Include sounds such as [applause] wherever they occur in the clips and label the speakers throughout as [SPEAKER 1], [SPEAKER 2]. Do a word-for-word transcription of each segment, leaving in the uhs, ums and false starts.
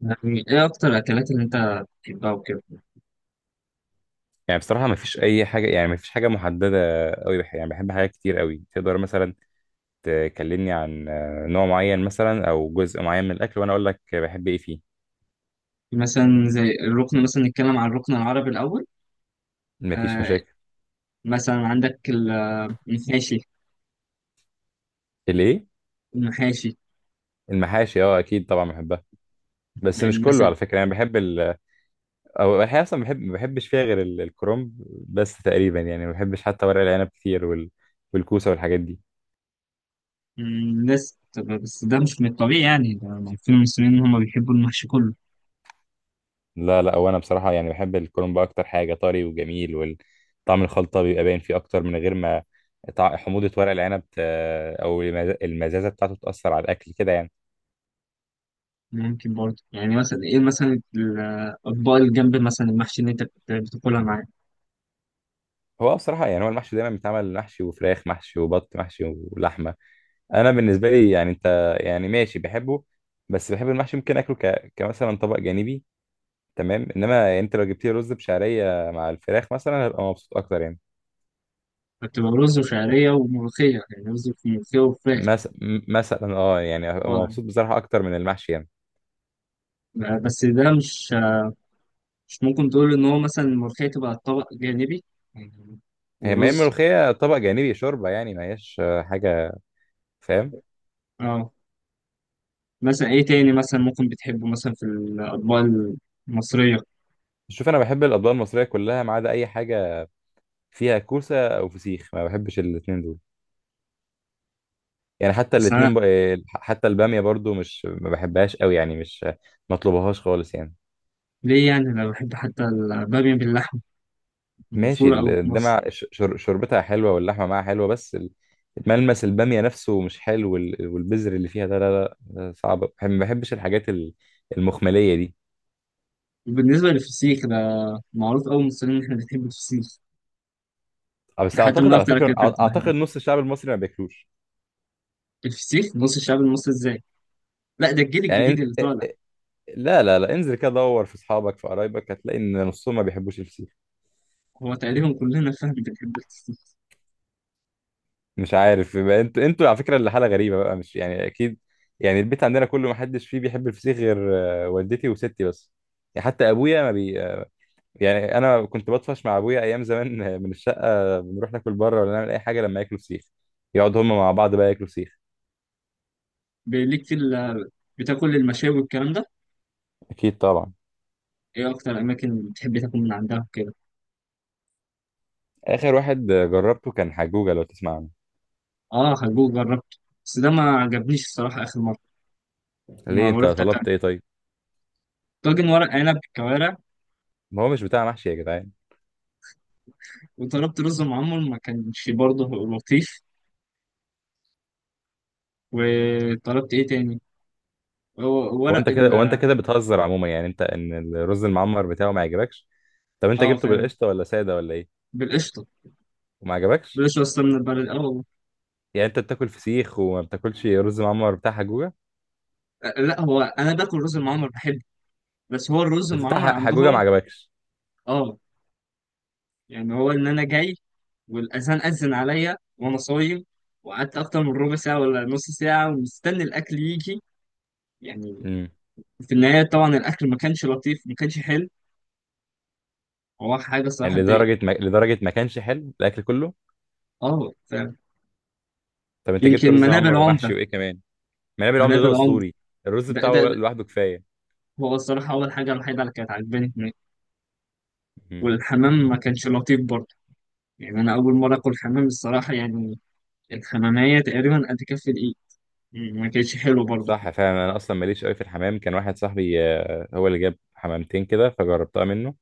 [SPEAKER 1] يعني ايه اكتر الاكلات اللي انت بتحبها وكده؟
[SPEAKER 2] يعني بصراحة مفيش أي حاجة، يعني مفيش حاجة محددة أوي. بح يعني بحب حاجات كتير أوي. تقدر مثلا تكلمني عن آه، نوع معين، مثلا أو جزء معين من الأكل، وأنا أقول لك بحب إيه فيه.
[SPEAKER 1] مثلا زي الركن، مثلا نتكلم عن الركن العربي الاول.
[SPEAKER 2] مفيش
[SPEAKER 1] آه،
[SPEAKER 2] مشاكل.
[SPEAKER 1] مثلا عندك المحاشي.
[SPEAKER 2] الإيه؟
[SPEAKER 1] المحاشي.
[SPEAKER 2] المحاشي، أه أكيد طبعا بحبها، بس مش كله
[SPEAKER 1] مثلا
[SPEAKER 2] على فكرة. يعني بحب ال أو الحقيقة أصلا بحب، ما بحبش فيها غير ال- الكرنب بس تقريبا. يعني ما بحبش حتى ورق العنب كتير، وال... والكوسة والحاجات دي.
[SPEAKER 1] الناس، طب بس ده مش من الطبيعي يعني، ده عارفين المصريين ان هم بيحبوا المحشي كله.
[SPEAKER 2] لا لا، وانا بصراحه يعني بحب الكرنب اكتر حاجه، طري وجميل وطعم الخلطه بيبقى باين فيه اكتر، من غير ما طع- حموضه ورق العنب ت- او المز- المزازه بتاعته تاثر على الاكل كده يعني.
[SPEAKER 1] ممكن برضه يعني، مثلا ايه مثلا الاطباق اللي جنب مثلا المحشي اللي انت بت- بتاكلها معاه؟
[SPEAKER 2] هو بصراحه يعني، هو المحشي دايما بيتعمل محشي وفراخ محشي وبط محشي ولحمه. انا بالنسبه لي يعني، انت يعني ماشي بحبه، بس بحب المحشي ممكن اكله ك... كمثلا طبق جانبي. تمام، انما انت لو جبت لي رز بشعريه مع الفراخ مثلا هبقى مبسوط اكتر يعني.
[SPEAKER 1] بتبقى رز وشعريه وملوخيه، يعني رز وملوخيه وفراخ.
[SPEAKER 2] مثلا، مثلا اه، يعني هبقى
[SPEAKER 1] اه،
[SPEAKER 2] مبسوط بصراحه اكتر من المحشي يعني.
[SPEAKER 1] بس ده مش، مش ممكن تقول ان هو مثلا الملوخية تبقى طبق جانبي يعني،
[SPEAKER 2] هي ما هي
[SPEAKER 1] ورز.
[SPEAKER 2] الملوخية طبق جانبي، شوربة يعني، ما هياش آه، حاجة. فاهم.
[SPEAKER 1] اه، مثلا ايه تاني مثلا ممكن بتحبه مثلا في الاطباق المصرية؟
[SPEAKER 2] شوف، أنا بحب الأطباق المصرية كلها ما عدا أي حاجة فيها كوسة أو فسيخ، ما بحبش الاتنين دول. يعني حتى
[SPEAKER 1] بس انا،
[SPEAKER 2] الاتنين ب... آه، حتى البامية برضو مش، ما بحبهاش قوي يعني، مش آه، ما اطلبهاش خالص يعني.
[SPEAKER 1] ليه يعني، انا بحب حتى البامية باللحمة،
[SPEAKER 2] ماشي،
[SPEAKER 1] مشهورة أوي في مصر.
[SPEAKER 2] الدمع شربتها حلوة واللحمة معاها حلوة، بس ال- ملمس البامية نفسه مش حلو، وال- والبذر اللي فيها ده لا لا، ده صعب، بحب- ما بحبش الحاجات ال- المخملية دي.
[SPEAKER 1] وبالنسبة للفسيخ ده، معروف أوي المصريين إن إحنا بنحب الفسيخ،
[SPEAKER 2] آه،
[SPEAKER 1] ده
[SPEAKER 2] بس
[SPEAKER 1] حتى من
[SPEAKER 2] أعتقد على
[SPEAKER 1] أكتر
[SPEAKER 2] فكرة،
[SPEAKER 1] الأكلات اللي
[SPEAKER 2] أع-
[SPEAKER 1] بنحبها.
[SPEAKER 2] أعتقد نص الشعب المصري ما بياكلوش.
[SPEAKER 1] الفسيخ نص الشعب المصري إزاي؟ لا، ده الجيل
[SPEAKER 2] يعني
[SPEAKER 1] الجديد اللي طالع.
[SPEAKER 2] لا لا لا، انزل كده دور في اصحابك، في قرايبك، هتلاقي ان نصهم ما بيحبوش الفسيخ.
[SPEAKER 1] هو تقريبا كلنا فاهم بنحب الفسيخ.
[SPEAKER 2] مش عارف، يبقى انتوا، انتوا على فكره اللي حاله غريبه بقى، مش يعني اكيد. يعني البيت عندنا كله ما حدش فيه بيحب الفسيخ غير آه، والدتي وستي بس. يعني حتى ابويا ما بي آه، يعني انا كنت بطفش مع ابويا ايام زمان [laughs] آه، من الشقه، بنروح ناكل بره ولا نعمل اي حاجه لما ياكلوا فسيخ، يقعدوا هم مع بعض بقى ياكلوا فسيخ.
[SPEAKER 1] ليك في ال- بتاكل المشاوي والكلام ده؟
[SPEAKER 2] اكيد طبعا.
[SPEAKER 1] إيه أكتر أماكن بتحب تاكل من عندها وكده؟
[SPEAKER 2] اخر واحد آه، جربته كان حجوجه، لو تسمع عنه.
[SPEAKER 1] اه، حجوج جربته، بس ده ما عجبنيش الصراحة آخر مرة.
[SPEAKER 2] ليه،
[SPEAKER 1] ما
[SPEAKER 2] انت
[SPEAKER 1] رحت أكلت
[SPEAKER 2] طلبت ايه طيب؟
[SPEAKER 1] طاجن ورق عنب بالكوارع،
[SPEAKER 2] ما هو مش بتاع محشي يا جدعان.
[SPEAKER 1] وطلبت رز معمر ما كانش برضه لطيف. وطلبت إيه تاني؟ هو
[SPEAKER 2] هو انت
[SPEAKER 1] ورق
[SPEAKER 2] كده
[SPEAKER 1] ال،
[SPEAKER 2] هو انت كده بتهزر عموما، يعني انت ان الرز المعمر بتاعه ما عجبكش؟ طب انت
[SPEAKER 1] اه
[SPEAKER 2] جبته
[SPEAKER 1] فعلا،
[SPEAKER 2] بالقشطه ولا ساده ولا ايه؟
[SPEAKER 1] بالقشطة.
[SPEAKER 2] وما عجبكش؟
[SPEAKER 1] بالقشطة أصلا من البلد، اه والله.
[SPEAKER 2] يعني انت بتاكل فسيخ وما بتاكلش رز معمر بتاع حجوجه؟
[SPEAKER 1] آه، لا، هو أنا باكل رز المعمر بحبه، بس هو الرز
[SPEAKER 2] بس بتاع
[SPEAKER 1] المعمر
[SPEAKER 2] ح- حجوجه ما
[SPEAKER 1] عندهم،
[SPEAKER 2] عجبكش.
[SPEAKER 1] اه. يعني هو إن أنا جاي والأذان أذن عليا وأنا صايم، وقعدت أكتر من ربع ساعة ولا نص ساعة ومستني الأكل يجي يعني.
[SPEAKER 2] امم.
[SPEAKER 1] في النهاية طبعا الأكل ما كانش لطيف، ما كانش حلو، هو حاجة
[SPEAKER 2] يعني
[SPEAKER 1] الصراحة تضايق.
[SPEAKER 2] لدرجه ما... لدرجه ما كانش حلو الاكل كله؟
[SPEAKER 1] اه فعلا.
[SPEAKER 2] طب انت جبت
[SPEAKER 1] يمكن
[SPEAKER 2] رز
[SPEAKER 1] منابل
[SPEAKER 2] معمر ومحشي
[SPEAKER 1] عمدة.
[SPEAKER 2] وايه كمان؟ منابل العمده ده
[SPEAKER 1] منابل عمدة
[SPEAKER 2] اسطوري، الرز
[SPEAKER 1] ده,
[SPEAKER 2] بتاعه
[SPEAKER 1] ده, ده
[SPEAKER 2] لوحده كفايه.
[SPEAKER 1] هو الصراحة أول حاجة الوحيدة اللي كانت عجباني هناك.
[SPEAKER 2] امم.
[SPEAKER 1] والحمام ما كانش لطيف برضه، يعني أنا أول مرة آكل حمام الصراحة يعني. الحمامية تقريبا قد كف الإيد، م- ما كانتش حلو برضه.
[SPEAKER 2] صح فعلا، انا اصلا ماليش قوي في الحمام. كان واحد صاحبي آه، هو اللي جاب حمامتين كده فجربتها منه،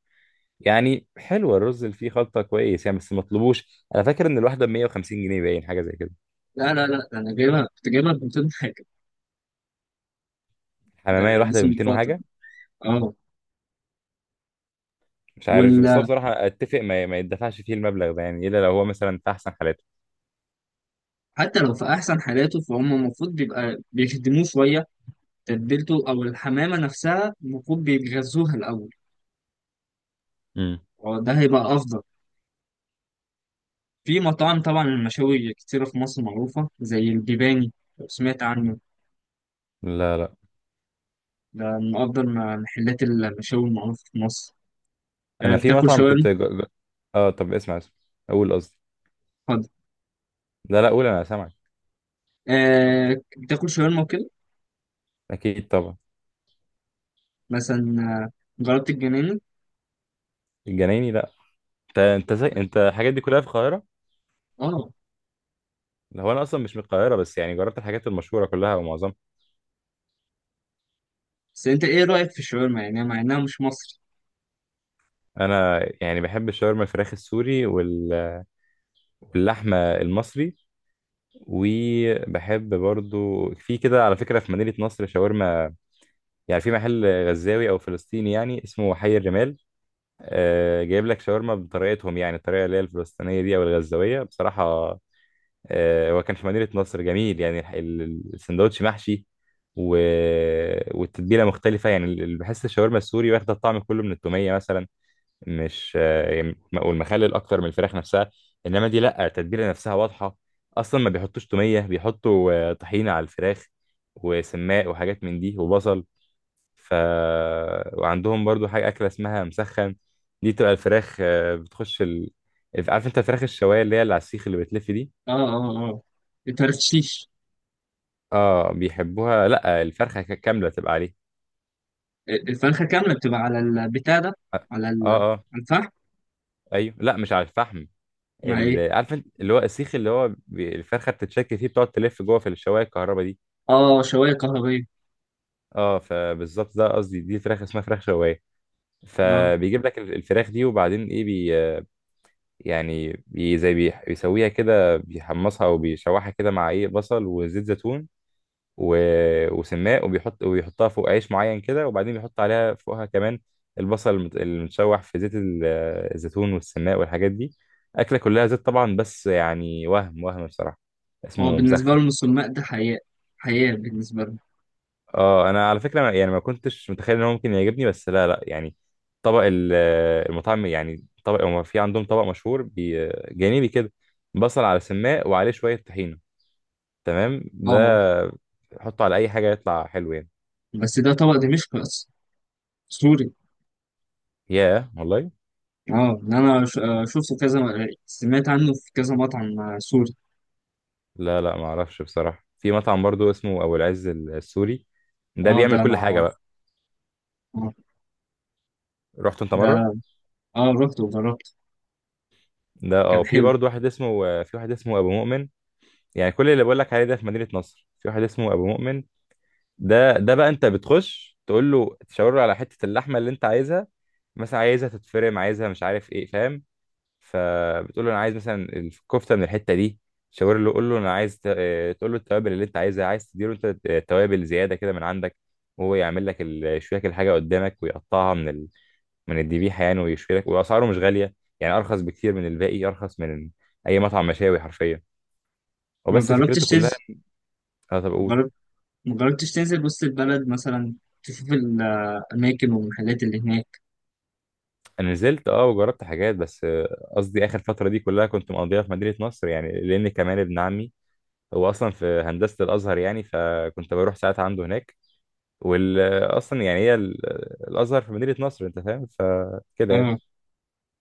[SPEAKER 2] يعني حلو الرز اللي فيه، خلطة كويس يعني، بس ما تطلبوش. انا فاكر ان الواحدة ب مية وخمسين جنيه باين، حاجة زي كده.
[SPEAKER 1] لا لا لا، ده أنا جايبها، كنت جايبها ب مئتين حاجة، ده
[SPEAKER 2] الحمامية الواحدة ب
[SPEAKER 1] لسه من
[SPEAKER 2] ميتين
[SPEAKER 1] فترة،
[SPEAKER 2] وحاجة؟
[SPEAKER 1] اه.
[SPEAKER 2] مش عارف، بس هو
[SPEAKER 1] وال،
[SPEAKER 2] بصراحة اتفق ما, ما يدفعش فيه المبلغ ده يعني، الا لو هو مثلا في احسن حالاته.
[SPEAKER 1] حتى لو في أحسن حالاته فهم المفروض بيبقى بيخدموه شوية، تتبيلته او الحمامه نفسها المفروض بيتغذوها الاول،
[SPEAKER 2] امم.
[SPEAKER 1] وده هيبقى افضل. في مطاعم طبعا المشاوي كتيره في مصر معروفه، زي الجباني لو سمعت عنه،
[SPEAKER 2] لا لا.
[SPEAKER 1] ده من افضل م- محلات المشاوي المعروفه في مصر. آه،
[SPEAKER 2] انا في
[SPEAKER 1] بتاكل
[SPEAKER 2] مطعم
[SPEAKER 1] شاورما؟
[SPEAKER 2] كنت ج... ج- اه طب اسمع، اسمع، اقول قصدي.
[SPEAKER 1] اتفضل.
[SPEAKER 2] لا لا، قول انا سامعك.
[SPEAKER 1] آه، بتاكل شاورما وكده؟
[SPEAKER 2] اكيد طبعا.
[SPEAKER 1] مثلا، آه، جربت الجنينه؟
[SPEAKER 2] الجنايني لا. انت انت زي انت الحاجات دي كلها في القاهرة؟
[SPEAKER 1] اه،
[SPEAKER 2] لا، هو انا اصلا مش من القاهرة، بس يعني جربت الحاجات المشهورة كلها او معظمها.
[SPEAKER 1] بس انت ايه رايك في الشاورما يعني، مع انها مش مصري؟
[SPEAKER 2] انا يعني بحب الشاورما الفراخ السوري، وال... واللحمة المصري، وبحب برضو في كده على فكرة في مدينة نصر شاورما، يعني في محل غزاوي أو فلسطيني يعني، اسمه حي الرمال. آه جايب لك شاورما بطريقتهم يعني، الطريقة اللي هي الفلسطينية دي أو الغزاوية بصراحة. آه هو كان في مدينة نصر جميل يعني، الح- ال- السندوتش محشي و... والتتبيلة مختلفة يعني. ال- ال- بحس الشاورما السوري واخدة الطعم كله من التومية مثلا، مش آه، والمخلل اكتر من الفراخ نفسها. انما دي لا، التتبيله نفسها واضحه، اصلا ما بيحطوش توميه، بيحطوا آه، طحينه على الفراخ وسماق وحاجات من دي وبصل. ف وعندهم برضو حاجه اكله اسمها مسخن. دي تبقى الفراخ آه، بتخش ال... عارف انت الفراخ الشوايه اللي هي اللي على السيخ اللي بتلف دي؟
[SPEAKER 1] اه اه اه، الترشيش.
[SPEAKER 2] اه بيحبوها، لا الفرخه كامله تبقى عليه.
[SPEAKER 1] الفرخه كامله بتبقى على البتاع ده،
[SPEAKER 2] اه
[SPEAKER 1] على ال-
[SPEAKER 2] اه آه،
[SPEAKER 1] الفحم.
[SPEAKER 2] ايوه، لا مش على الفحم.
[SPEAKER 1] مع إيه؟
[SPEAKER 2] ال- عارف انت اللي هو السيخ اللي هو بي- الفرخه بتتشكل فيه، بتقعد تلف جوه في الشوايه الكهرباء دي.
[SPEAKER 1] اه، شواية كهربية.
[SPEAKER 2] اه فبالظبط ده قصدي، دي فراخ اسمها فراخ شوايه.
[SPEAKER 1] اه،
[SPEAKER 2] فبيجيب لك ال- الفراخ دي، وبعدين ايه بي، يعني بي زي بي بيسويها كده، بيحمصها وبيشوحها كده مع ايه، بصل وزيت زيتون و... وسماق، وبيحط وبيحطها فوق عيش معين كده، وبعدين بيحط عليها فوقها كمان البصل المت- المتشوح في زيت ال- الزيتون والسماق والحاجات دي. أكلة كلها زيت طبعا، بس يعني وهم وهم بصراحة.
[SPEAKER 1] هو
[SPEAKER 2] اسمه
[SPEAKER 1] بالنسبة
[SPEAKER 2] مسخن.
[SPEAKER 1] لهم السماق ده حياة، حياة بالنسبة لهم.
[SPEAKER 2] اه انا على فكرة ما- يعني ما كنتش متخيل ان هو ممكن يعجبني، بس لا لا يعني، طبق ال- المطعم يعني، طبق هو في عندهم طبق مشهور بي- جانبي كده، بصل على سماق وعليه شوية طحينة. تمام ده
[SPEAKER 1] اه،
[SPEAKER 2] حطه على اي حاجة يطلع حلو يعني.
[SPEAKER 1] بس ده طبق دمشق أصلا، سوري.
[SPEAKER 2] ياه والله.
[SPEAKER 1] اه، إن انا ش- آه، شفته كذا، سمعت عنه في كذا مطعم، آه، سوري.
[SPEAKER 2] لا لا، ما اعرفش بصراحة. في مطعم برضو اسمه ابو العز السوري، ده
[SPEAKER 1] اه، ده
[SPEAKER 2] بيعمل
[SPEAKER 1] انا
[SPEAKER 2] كل حاجة
[SPEAKER 1] عارف،
[SPEAKER 2] بقى.
[SPEAKER 1] اه.
[SPEAKER 2] رحت انت
[SPEAKER 1] ده،
[SPEAKER 2] مرة؟
[SPEAKER 1] اه، رحت وجربت،
[SPEAKER 2] ده اه.
[SPEAKER 1] كان
[SPEAKER 2] في
[SPEAKER 1] حلو.
[SPEAKER 2] برضو واحد اسمه آه، في واحد اسمه ابو مؤمن. يعني كل اللي بقول لك عليه ده في مدينة نصر، في واحد اسمه ابو مؤمن، ده ده بقى انت بتخش تقول له، تشاور له على حتة اللحمة اللي انت عايزها، مثلا عايزها تتفرم، عايزها مش عارف ايه، فاهم؟ فبتقول له انا عايز مثلا الكفته من الحته دي، تشاور له، قول له انا عايز ت- آه، تقول له التوابل اللي انت عايزها، عايز تديله انت توابل زياده كده من عندك، وهو يعمل لك ال- يشوي لك الحاجه قدامك، ويقطعها من ال... من الذبيحه يعني، ويشوي لك، واسعاره مش غاليه يعني، ارخص بكتير من الباقي، ارخص من اي مطعم مشاوي حرفيا،
[SPEAKER 1] ما
[SPEAKER 2] وبس فكرته
[SPEAKER 1] جربتش
[SPEAKER 2] كلها.
[SPEAKER 1] تنزل؟
[SPEAKER 2] اه طب اقول.
[SPEAKER 1] جربت؟ ما جربتش تنزل وسط البلد مثلا، تشوف الأماكن والمحلات اللي هناك؟
[SPEAKER 2] انا نزلت اه وجربت حاجات، بس آه، قصدي اخر فتره دي كلها كنت مقضيها في مدينه نصر يعني، لان كمان ابن عمي هو اصلا في هندسه الازهر يعني، فكنت بروح ساعات عنده هناك. واصلا يعني هي ال- الازهر في مدينه نصر انت فاهم، فكده يعني.
[SPEAKER 1] اه.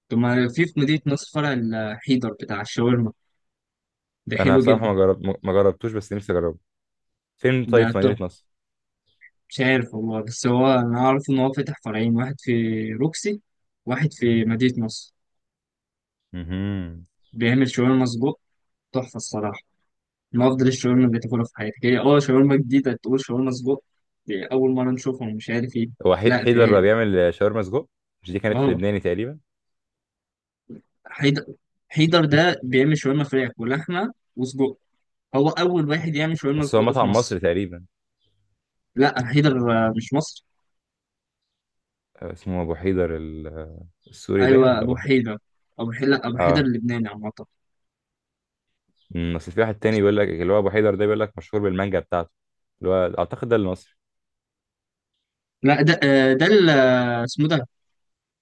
[SPEAKER 1] طب ما في في مدينة نصر فرع، الحيدر بتاع الشاورما، ده
[SPEAKER 2] انا
[SPEAKER 1] حلو
[SPEAKER 2] بصراحه
[SPEAKER 1] جدا.
[SPEAKER 2] ما جرب ما جربتوش، بس نفسي اجربه. فين طيب، في
[SPEAKER 1] ده
[SPEAKER 2] مدينه نصر؟
[SPEAKER 1] مش عارف والله، بس هو انا اعرف ان هو فتح فرعين، واحد في روكسي، واحد في مدينة نصر.
[SPEAKER 2] امم.
[SPEAKER 1] بيعمل شاورما سجق تحفة الصراحة. من افضل الشاورما اللي تاكلها في حياتك، هي اه شاورما جديدة تقول شاورما سجق، دي اول مرة نشوفهم مش عارف ايه.
[SPEAKER 2] هو حي-
[SPEAKER 1] لا
[SPEAKER 2] حيدر
[SPEAKER 1] فاهم.
[SPEAKER 2] بقى بيعمل شاورما سجق؟ مش دي كانت
[SPEAKER 1] اه،
[SPEAKER 2] لبناني تقريبا؟
[SPEAKER 1] حيدر. حيدر ده بيعمل شاورما فراخ ولحمة وسجق، هو اول واحد يعمل شاورما
[SPEAKER 2] بس هو
[SPEAKER 1] سجق في
[SPEAKER 2] مطعم
[SPEAKER 1] مصر.
[SPEAKER 2] مصري تقريبا.
[SPEAKER 1] لا، حيدر آه، مش مصر.
[SPEAKER 2] آه، اسمه ابو حيدر ال- السوري باين،
[SPEAKER 1] ايوه،
[SPEAKER 2] ولا
[SPEAKER 1] ابو
[SPEAKER 2] ابو حيدر؟
[SPEAKER 1] حيدر. ابو حيدر، لا ابو حيدر
[SPEAKER 2] اه.
[SPEAKER 1] اللبناني عامة.
[SPEAKER 2] أمم، اصل في واحد تاني بيقول لك اللي هو ابو حيدر ده، بيقول لك مشهور بالمانجا بتاعته، اللي هو اعتقد ده المصري.
[SPEAKER 1] لا، ده آه، ده ال- آه، اسمه ده،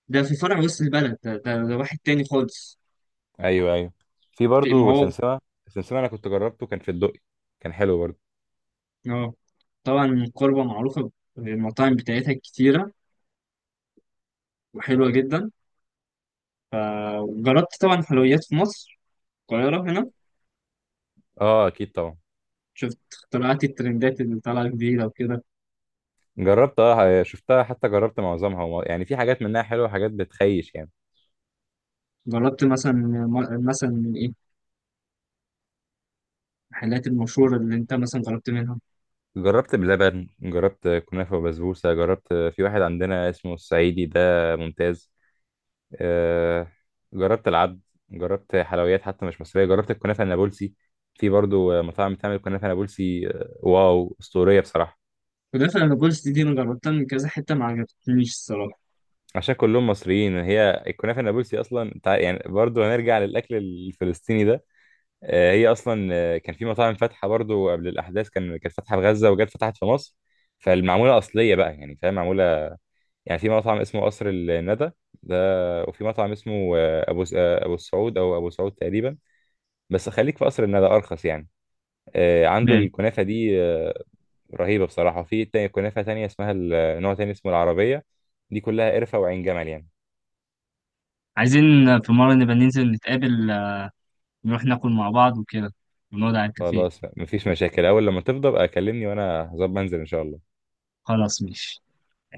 [SPEAKER 1] ده في فرع وسط البلد. ده, ده, ده واحد تاني خالص.
[SPEAKER 2] ايوه ايوه. في
[SPEAKER 1] في ما
[SPEAKER 2] برضه
[SPEAKER 1] هو،
[SPEAKER 2] سمسمه، سمسمه انا كنت جربته كان في الدقي، كان حلو برضه.
[SPEAKER 1] اه. طبعا قربة معروفة بالمطاعم بتاعتها كتيرة وحلوة جدا. جربت طبعا حلويات في مصر، القاهرة هنا؟
[SPEAKER 2] اه اكيد طبعا.
[SPEAKER 1] شفت اختراعات الترندات اللي طالعة جديدة وكده؟
[SPEAKER 2] جربت اه، شفتها حتى، جربت معظمها، وم- يعني في حاجات منها حلوة وحاجات بتخيش يعني.
[SPEAKER 1] جربت مثلا م- مثلا من ايه المحلات المشهورة اللي انت مثلا جربت منها؟
[SPEAKER 2] جربت بلبن، جربت كنافة وبسبوسة، جربت في واحد عندنا اسمه الصعيدي ده ممتاز، آه، جربت العبد، جربت حلويات حتى مش مصرية، جربت الكنافة النابلسي. في برضو مطاعم بتعمل كنافة نابلسي آه، واو أسطورية بصراحة.
[SPEAKER 1] ولكن انا بولس، دي, دي انا جربتها من كذا حتة ما عجبتنيش الصراحة.
[SPEAKER 2] عشان كلهم مصريين، هي الكنافة النابلسي أصلا تع- يعني برضو هنرجع للأكل الفلسطيني ده. آه، هي اصلا آه، كان في مطاعم فاتحه برضو قبل الاحداث، كان كانت فاتحه في غزه وجت فتحت في مصر، فالمعموله اصليه بقى يعني، فاهم معموله. يعني في مطعم اسمه قصر الندى ده، وفي مطعم اسمه آه، ابو س- آه، ابو السعود او ابو سعود تقريبا، بس خليك في قصر الندى ارخص يعني. آه، عنده
[SPEAKER 1] ماشي.
[SPEAKER 2] الكنافه دي آه، رهيبه بصراحه. وفي تا- كنافه تانية اسمها ال- آه، نوع تاني اسمه العربيه، دي كلها قرفه وعين جمل يعني.
[SPEAKER 1] عايزين في مرة نبقى ننزل نتقابل، آه، نروح ناكل مع بعض وكده، ونقعد على الكافيه.
[SPEAKER 2] خلاص مفيش مشاكل، اول لما تفضى بقى كلمني، وانا هظبط انزل ان شاء الله.
[SPEAKER 1] خلاص ماشي.